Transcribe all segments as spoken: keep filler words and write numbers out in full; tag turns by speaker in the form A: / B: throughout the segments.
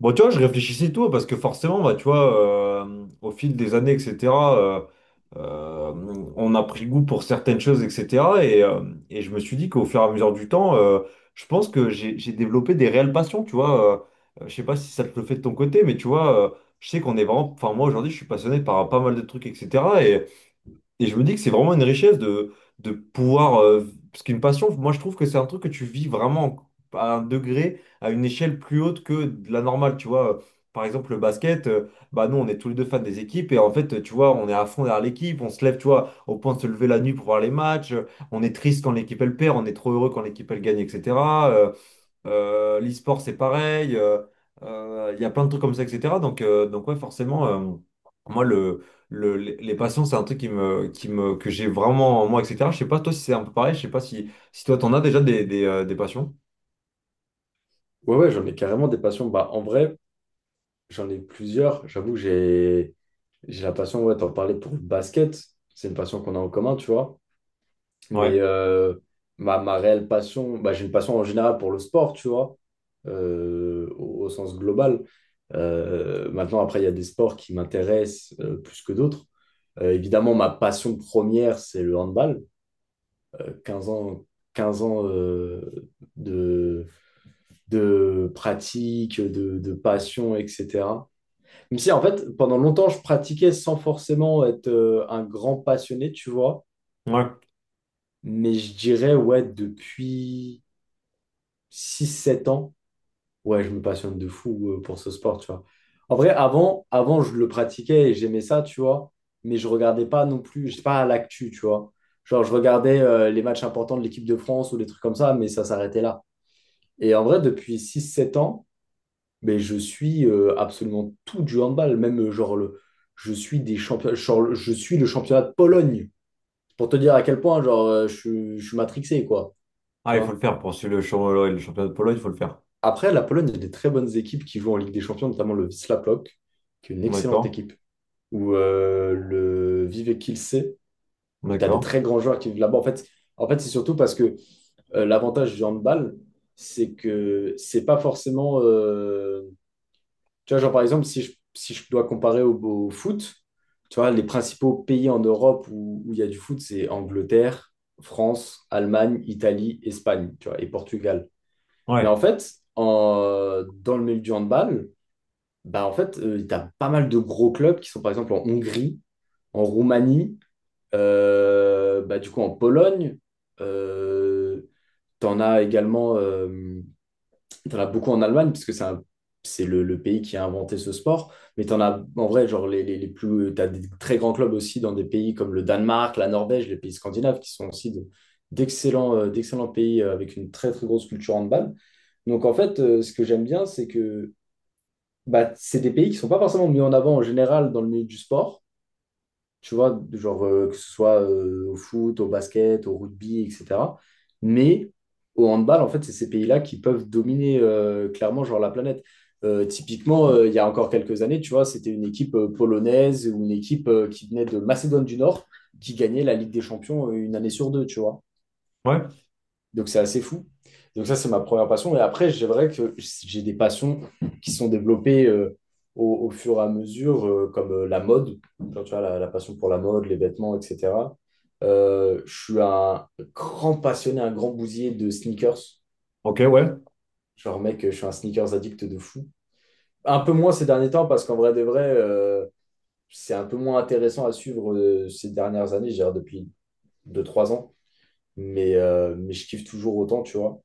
A: Bon, tu vois, je réfléchissais et tout, parce que forcément, bah, tu vois, euh, au fil des années, et cetera, euh, euh, on a pris goût pour certaines choses, et cetera. Et, euh, et je me suis dit qu'au fur et à mesure du temps, euh, je pense que j'ai, j'ai développé des réelles passions, tu vois. Euh, euh, je sais pas si ça te le fait de ton côté, mais tu vois, euh, je sais qu'on est vraiment... Enfin, moi, aujourd'hui, je suis passionné par pas mal de trucs, et cetera. Et je me dis que c'est vraiment une richesse de, de pouvoir, euh, parce qu'une passion, moi je trouve que c'est un truc que tu vis vraiment à un degré, à une échelle plus haute que de la normale. Tu vois, par exemple, le basket, euh, bah nous on est tous les deux fans des équipes et en fait, tu vois, on est à fond derrière l'équipe, on se lève, tu vois, au point de se lever la nuit pour voir les matchs, euh, on est triste quand l'équipe elle perd, on est trop heureux quand l'équipe elle gagne, et cetera. Euh, l'e-sport, c'est pareil. euh, euh, Il y a plein de trucs comme ça, et cetera. Donc, euh, donc ouais, forcément, euh, moi, le, le- les les passions, c'est un truc qui me, qui me, que j'ai vraiment en moi, et cetera. Je sais pas, toi, si c'est un peu pareil. Je sais pas si, si toi, t'en as déjà des, des, euh, des passions.
B: Ouais, ouais, j'en ai carrément des passions. Bah, en vrai, j'en ai plusieurs. J'avoue, j'ai j'ai la passion, ouais, t'en parlais pour le basket. C'est une passion qu'on a en commun, tu vois. Mais
A: Ouais,
B: euh, ma, ma réelle passion, bah, j'ai une passion en général pour le sport, tu vois, euh, au, au sens global. Euh, maintenant, après, il y a des sports qui m'intéressent euh, plus que d'autres. Euh, évidemment, ma passion première, c'est le handball. Euh, quinze ans, quinze ans euh, de pratique, de, de passion, et cetera. Même si, en fait, pendant longtemps, je pratiquais sans forcément être euh, un grand passionné, tu vois.
A: ouais.
B: Mais je dirais, ouais, depuis six sept ans, ouais, je me passionne de fou euh, pour ce sport, tu vois. En vrai, avant, avant, je le pratiquais et j'aimais ça, tu vois. Mais je regardais pas non plus, j'étais pas à l'actu, tu vois. Genre, je regardais euh, les matchs importants de l'équipe de France ou des trucs comme ça, mais ça s'arrêtait là. Et en vrai, depuis six sept ans, mais je suis euh, absolument tout du handball, même euh, genre le, je suis des champions, je suis le championnat de Pologne, pour te dire à quel point genre euh, je, suis- je suis matrixé quoi,
A: Ah,
B: tu
A: il faut le
B: vois.
A: faire pour suivre le, champ- le championnat de polo, il faut le faire.
B: Après, la Pologne, il y a des très bonnes équipes qui jouent en Ligue des Champions, notamment le Wisła Płock, qui est une excellente
A: D'accord,
B: équipe, ou euh, le Vive Kielce, où tu as des
A: d'accord.
B: très grands joueurs qui vivent là-bas. En fait, en fait, c'est surtout parce que euh, l'avantage du handball, c'est que c'est pas forcément euh, Tu vois, genre par exemple, si je, si je dois comparer au, au foot, tu vois, les principaux pays en Europe où où il y a du foot, c'est Angleterre, France, Allemagne, Italie, Espagne, tu vois, et Portugal. Mais en
A: Ouais,
B: fait, en- dans le milieu du handball, bah en fait, tu as pas mal de gros clubs qui sont par exemple en Hongrie, en Roumanie, euh, bah, du coup en Pologne, euh, tu en as également. euh, T'en as beaucoup en Allemagne, puisque c'est un- c'est le, le pays qui a inventé ce sport. Mais t'en as, en vrai, genre, les, les, les plus, t'as des très grands clubs aussi dans des pays comme le Danemark, la Norvège, les pays scandinaves, qui sont aussi de- d'excellents, euh, d'excellents pays euh, avec une très, très grosse culture handball. Donc, en fait, euh, ce que j'aime bien, c'est que bah, c'est des pays qui sont pas forcément mis en avant en général dans le milieu du sport, tu vois, genre euh, que ce soit euh, au foot, au basket, au rugby, et cetera. Mais au handball, en fait, c'est ces pays-là qui peuvent dominer euh, clairement genre la planète. Euh, typiquement, euh, il y a encore quelques années, tu vois, c'était une équipe euh, polonaise ou une équipe euh, qui venait de Macédoine du Nord qui gagnait la Ligue des Champions euh, une année sur deux, tu vois.
A: ouais.
B: Donc c'est assez fou. Donc ça, c'est ma première passion. Et après, c'est vrai que j'ai des passions qui sont développées euh, au, au, fur et à mesure, euh, comme euh, la mode. Genre, tu vois, la, la, passion pour la mode, les vêtements, et cetera Je suis un grand passionné, un grand bousier de sneakers.
A: Ok, ouais.
B: Genre, mec, je suis un sneakers addict de fou. Un peu moins ces derniers temps, parce qu'en vrai de vrai, euh, c'est un peu moins intéressant à suivre euh, ces dernières années, j'ai depuis deux trois ans. Mais, euh, mais je kiffe toujours autant, tu vois.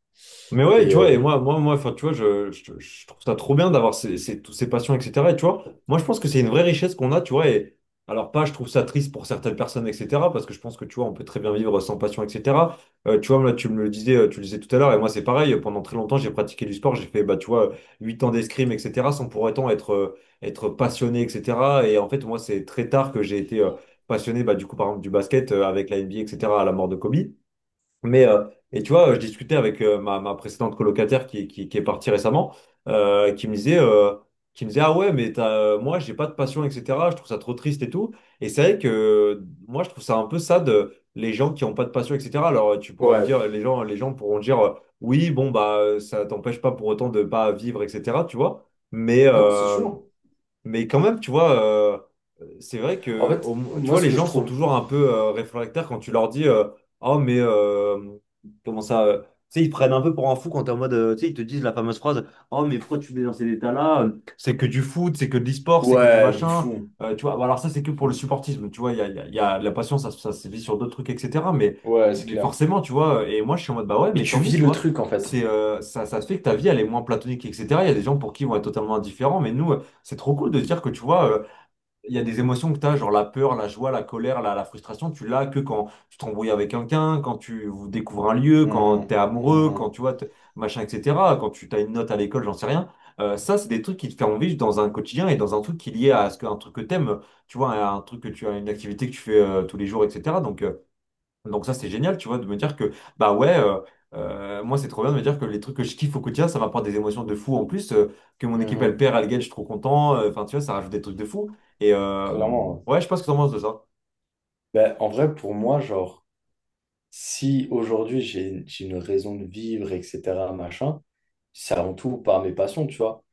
A: Mais ouais,
B: Et,
A: tu vois,
B: euh,
A: et
B: et...
A: moi, moi, moi, enfin, tu vois, je, je, je trouve ça trop bien d'avoir ces, ces- toutes ces passions, et cetera. Et tu vois, moi, je pense que c'est une vraie richesse qu'on a, tu vois. Et alors, pas, je trouve ça triste pour certaines personnes, et cetera. Parce que je pense que, tu vois, on peut très bien vivre sans passion, et cetera. Euh, tu vois, là, tu me le disais, euh, tu le disais tout à l'heure, et moi, c'est pareil. euh, Pendant très longtemps, j'ai pratiqué du sport, j'ai fait, bah, tu vois, huit ans d'escrime, et cetera, sans pour autant être, euh, être passionné, et cetera. Et en fait, moi, c'est très tard que j'ai été euh, passionné, bah, du coup, par exemple, du basket euh, avec la N B A, et cetera, à la mort de Kobe. Mais, euh, et tu vois, je discutais avec euh, ma, ma précédente colocataire qui, qui, qui est partie récemment, euh, qui me disait, euh, qui me disait, ah ouais, mais t'as, euh, moi, j'ai pas de passion, et cetera. Je trouve ça trop triste et tout. Et c'est vrai que euh, moi, je trouve ça un peu sad, euh, les gens qui ont pas de passion, et cetera. Alors, tu pourras me
B: Ouais,
A: dire, les gens, les gens pourront dire, euh, oui, bon, bah, euh, ça t'empêche pas pour autant de pas vivre, et cetera. Tu vois. Mais,
B: non, c'est
A: euh,
B: sûr.
A: mais quand même, tu vois, euh, euh, c'est vrai
B: En
A: que
B: fait,
A: au mo- tu
B: moi,
A: vois,
B: ce
A: les
B: que je
A: gens sont
B: trouve.
A: toujours un peu euh, réfractaires quand tu leur dis euh, oh, mais euh, comment ça, euh, tu sais, ils te prennent un peu pour un fou quand t'es en mode. Euh, tu sais, ils te disent la fameuse phrase: oh, mais pourquoi tu mets dans ces états-là? C'est que du foot, c'est que de l'e-sport, c'est que du
B: Ouais, de
A: machin.
B: fou.
A: Euh, tu vois, alors ça, c'est que pour le supportisme. Tu vois, il y a, il y a- il y a la passion, ça, ça se vit sur d'autres trucs, et cetera. Mais,
B: Ouais, c'est
A: mais
B: clair.
A: forcément, tu vois, et moi, je suis en mode: bah ouais,
B: Mais
A: mais
B: tu
A: tant mieux,
B: vis
A: tu
B: le
A: vois.
B: truc, en fait.
A: C'est, euh, ça, ça fait que ta vie, elle est moins platonique, et cetera. Il y a des gens pour qui ils vont être totalement indifférents, mais nous. C'est trop cool de dire que, tu vois, euh, il y a des émotions que tu as, genre la peur, la joie, la colère, la, la frustration, tu l'as que quand tu t'embrouilles avec quelqu'un, quand tu vous découvres un lieu, quand tu es
B: Mhm,
A: amoureux, quand
B: mhm,
A: tu vois, t- machin, et cetera, quand tu as une note à l'école, j'en sais rien. Euh, ça, c'est des trucs qui te font vivre dans un quotidien et dans un truc qui est lié à ce que, un truc que tu aimes, tu vois, un truc que tu as une activité que tu fais euh, tous les jours, et cetera. Donc, euh, donc ça, c'est génial, tu vois, de me dire que, bah ouais, euh, euh, moi, c'est trop bien de me dire que les trucs que je kiffe au quotidien, ça m'apporte des émotions de fou en plus, euh, que mon équipe, elle
B: mhm.
A: perd, elle gagne, je suis trop content, euh, enfin, tu vois, ça rajoute des trucs de fou. Et euh,
B: Clairement. Ouais.
A: ouais, je pense que t'en penses de ça.
B: Ben, en vrai, pour moi, genre, si aujourd'hui j'ai j'ai une raison de vivre, et cetera, machin, c'est avant tout par mes passions, tu vois.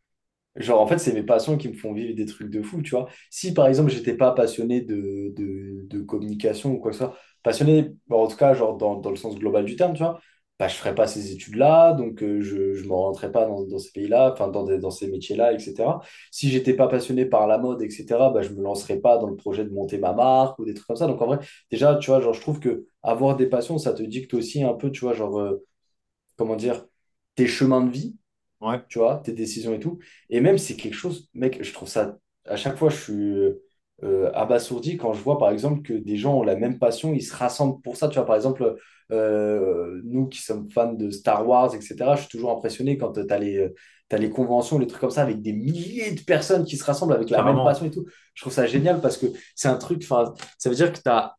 B: Genre, en fait, c'est mes passions qui me font vivre des trucs de fou, tu vois. Si, par exemple, j'étais pas passionné de, de, de communication ou quoi que ce soit, passionné, bon, en tout cas, genre, dans, dans le sens global du terme, tu vois, bah, je ferais pas ces études-là, donc euh, je, je me rentrais pas dans, dans ces pays-là, enfin, dans, des- dans ces métiers-là, et cetera. Si j'étais pas passionné par la mode, et cetera, bah, je me lancerais pas dans le projet de monter ma marque ou des trucs comme ça. Donc, en vrai, déjà, tu vois, genre, je trouve que avoir des passions, ça te dicte aussi un peu, tu vois, genre, euh, comment dire, tes chemins de vie,
A: Ouais,
B: tu vois, tes décisions et tout. Et même, c'est quelque chose, mec, je trouve ça, à chaque fois, je suis euh, abasourdi quand je vois, par exemple, que des gens ont la même passion, ils se rassemblent pour ça. Tu vois, par exemple, euh, nous qui sommes fans de Star Wars, et cetera, je suis toujours impressionné quand tu as les, t'as les conventions, les trucs comme ça, avec des milliers de personnes qui se rassemblent avec la même
A: carrément.
B: passion et tout. Je trouve ça génial parce que c'est un truc, enfin, ça veut dire que tu as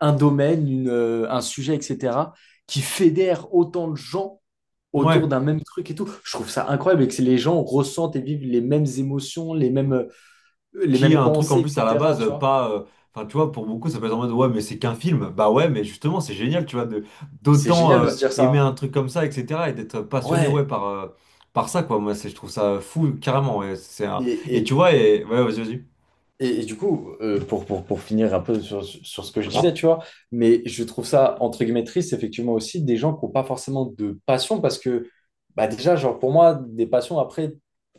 B: un domaine, une, euh, un sujet, et cetera, qui fédère autant de gens
A: Ouais,
B: autour d'un même truc et tout. Je trouve ça incroyable et que les gens ressentent et vivent les mêmes émotions, les mêmes, euh, les
A: qui
B: mêmes
A: a un truc en
B: pensées,
A: plus à la
B: et cetera.
A: base,
B: Tu
A: euh,
B: vois?
A: pas... euh, enfin, tu vois, pour beaucoup, ça peut être en mode: ouais, mais c'est qu'un film. Bah ouais, mais justement, c'est génial, tu vois, de
B: C'est
A: d'autant
B: génial de
A: euh,
B: se dire
A: aimer
B: ça.
A: un truc comme ça, et cetera, et d'être passionné, ouais,
B: Ouais.
A: par, euh, par ça, quoi. Moi, c'est, je trouve ça fou, carrément. ouais, c'est un... Et tu
B: Et,
A: vois, et... ouais, vas-y, vas-y.
B: Et, et du coup, euh, pour, pour, pour finir un peu sur, sur ce que je disais, tu vois, mais je trouve ça, entre guillemets, triste, effectivement, aussi, des gens qui n'ont pas forcément de passion, parce que, bah déjà, genre, pour moi, des passions, après,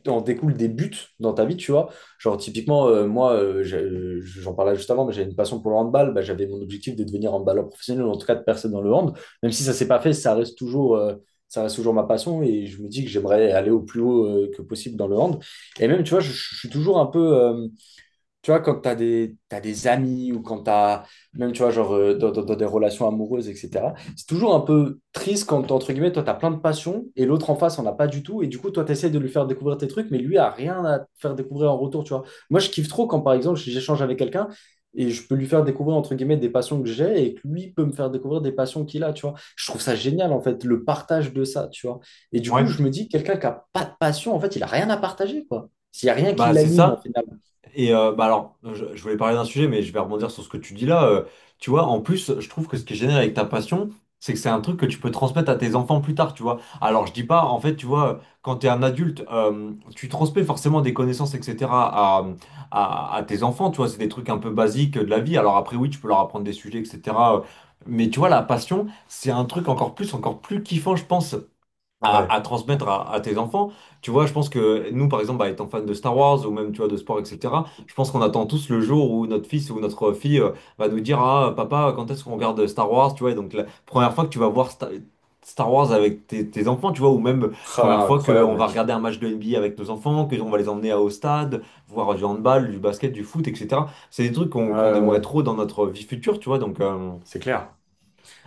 B: en découlent des buts dans ta vie, tu vois. Genre, typiquement, euh, moi, euh, j'ai- euh, j'en parlais juste avant, mais j'avais une passion pour le handball, bah, j'avais mon objectif de devenir handballeur professionnel, ou en tout cas de percer dans le hand. Même si ça s'est pas fait, ça reste toujours, euh, ça reste toujours ma passion, et je me dis que j'aimerais aller au plus haut, euh, que possible dans le hand. Et même, tu vois, je, je suis toujours un peu... euh, tu vois, quand tu as des, t'as des amis ou quand tu as, même, tu vois, genre, euh, dans, dans- dans des relations amoureuses, et cetera, c'est toujours un peu triste quand, entre guillemets, toi, tu as plein de passion et l'autre en face, on a pas du tout. Et du coup, toi, tu essaies de lui faire découvrir tes trucs, mais lui a rien à te faire découvrir en retour, tu vois. Moi, je kiffe trop quand, par exemple, j'échange avec quelqu'un et je peux lui faire découvrir, entre guillemets, des passions que j'ai et que lui peut me faire découvrir des passions qu'il a, tu vois. Je trouve ça génial, en fait, le partage de ça, tu vois. Et du coup,
A: Ouais,
B: je me dis, quelqu'un qui a pas de passion, en fait, il a rien à partager, quoi. S'il n'y a rien qui
A: bah c'est
B: l'anime, en
A: ça.
B: final.
A: Et euh, bah alors, je, je voulais parler d'un sujet, mais je vais rebondir sur ce que tu dis là. Euh, tu vois, en plus, je trouve que ce qui est génial avec ta passion, c'est que c'est un truc que tu peux transmettre à tes enfants plus tard, tu vois. Alors, je dis pas, en fait, tu vois, quand t'es un adulte, euh, tu transmets forcément des connaissances, et cetera à, à, à tes enfants, tu vois. C'est des trucs un peu basiques de la vie. Alors après, oui, tu peux leur apprendre des sujets, et cetera euh, Mais tu vois, la passion, c'est un truc encore plus, encore plus kiffant, je pense, à,
B: Ouais.
A: à transmettre à, à tes enfants. Tu vois, je pense que nous, par exemple, bah, étant fan de Star Wars ou même, tu vois, de sport, et cetera, je pense qu'on attend tous le jour où notre fils ou notre fille euh, va nous dire: ah, papa, quand est-ce qu'on regarde Star Wars? Tu vois, et donc la première fois que tu vas voir Star, Star Wars avec tes, tes enfants, tu vois, ou même première
B: Ah,
A: fois
B: incroyable,
A: qu'on va
B: mec.
A: regarder un match de N B A avec nos enfants, qu'on va les emmener au stade, voir du handball, du basket, du foot, et cetera. C'est des trucs
B: Ouais,
A: qu'on qu'on
B: ouais,
A: aimerait
B: ouais.
A: trop dans notre vie future, tu vois, donc... euh,
B: C'est clair.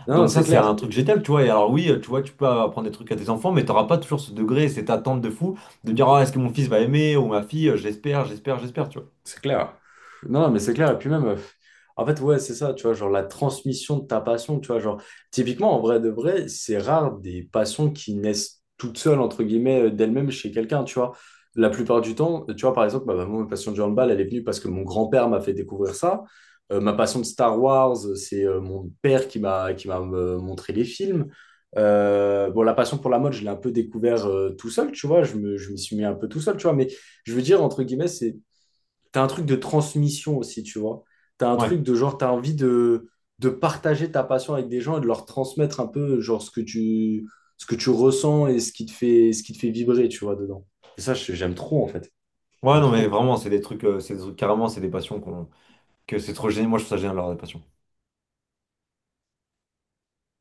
B: Non, non,
A: donc
B: c'est
A: ça, c'est
B: clair.
A: un truc génial, tu vois. Et alors oui, tu vois, tu peux apprendre des trucs à tes enfants, mais t'auras pas toujours ce degré et cette attente de fou de dire: ah, est-ce que mon fils va aimer, ou ma fille, j'espère, j'espère, j'espère, tu vois.
B: C'est clair. Non, mais c'est clair. Et puis même, en fait, ouais, c'est ça, tu vois, genre la transmission de ta passion, tu vois, genre, typiquement, en vrai de vrai, c'est rare des passions qui naissent toutes seules, entre guillemets, euh, d'elles-mêmes chez quelqu'un, tu vois. La plupart du temps, tu vois, par exemple, bah, bah, moi, ma passion du handball, elle est venue parce que mon grand-père m'a fait découvrir ça. Euh, ma passion de Star Wars, euh, c'est euh, mon père qui m'a qui m'a euh, montré les films. Euh, bon, la passion pour la mode, je l'ai un peu découvert euh, tout seul, tu vois, je me, je m'y suis mis un peu tout seul, tu vois, mais je veux dire, entre guillemets, c'est T'as un truc de transmission aussi, tu vois. T'as un
A: Ouais.
B: truc de genre, t'as envie de, de partager ta passion avec des gens et de leur transmettre un peu genre ce que tu, ce que tu ressens et ce qui te fait, ce qui te fait vibrer, tu vois, dedans. Et ça, je- j'aime trop, en fait.
A: Ouais,
B: J'aime
A: non, mais
B: trop.
A: vraiment, c'est des trucs, euh, c'est des trucs carrément, c'est des passions qu'on, que c'est trop génial. Moi, je trouve ça génial, leur des passions.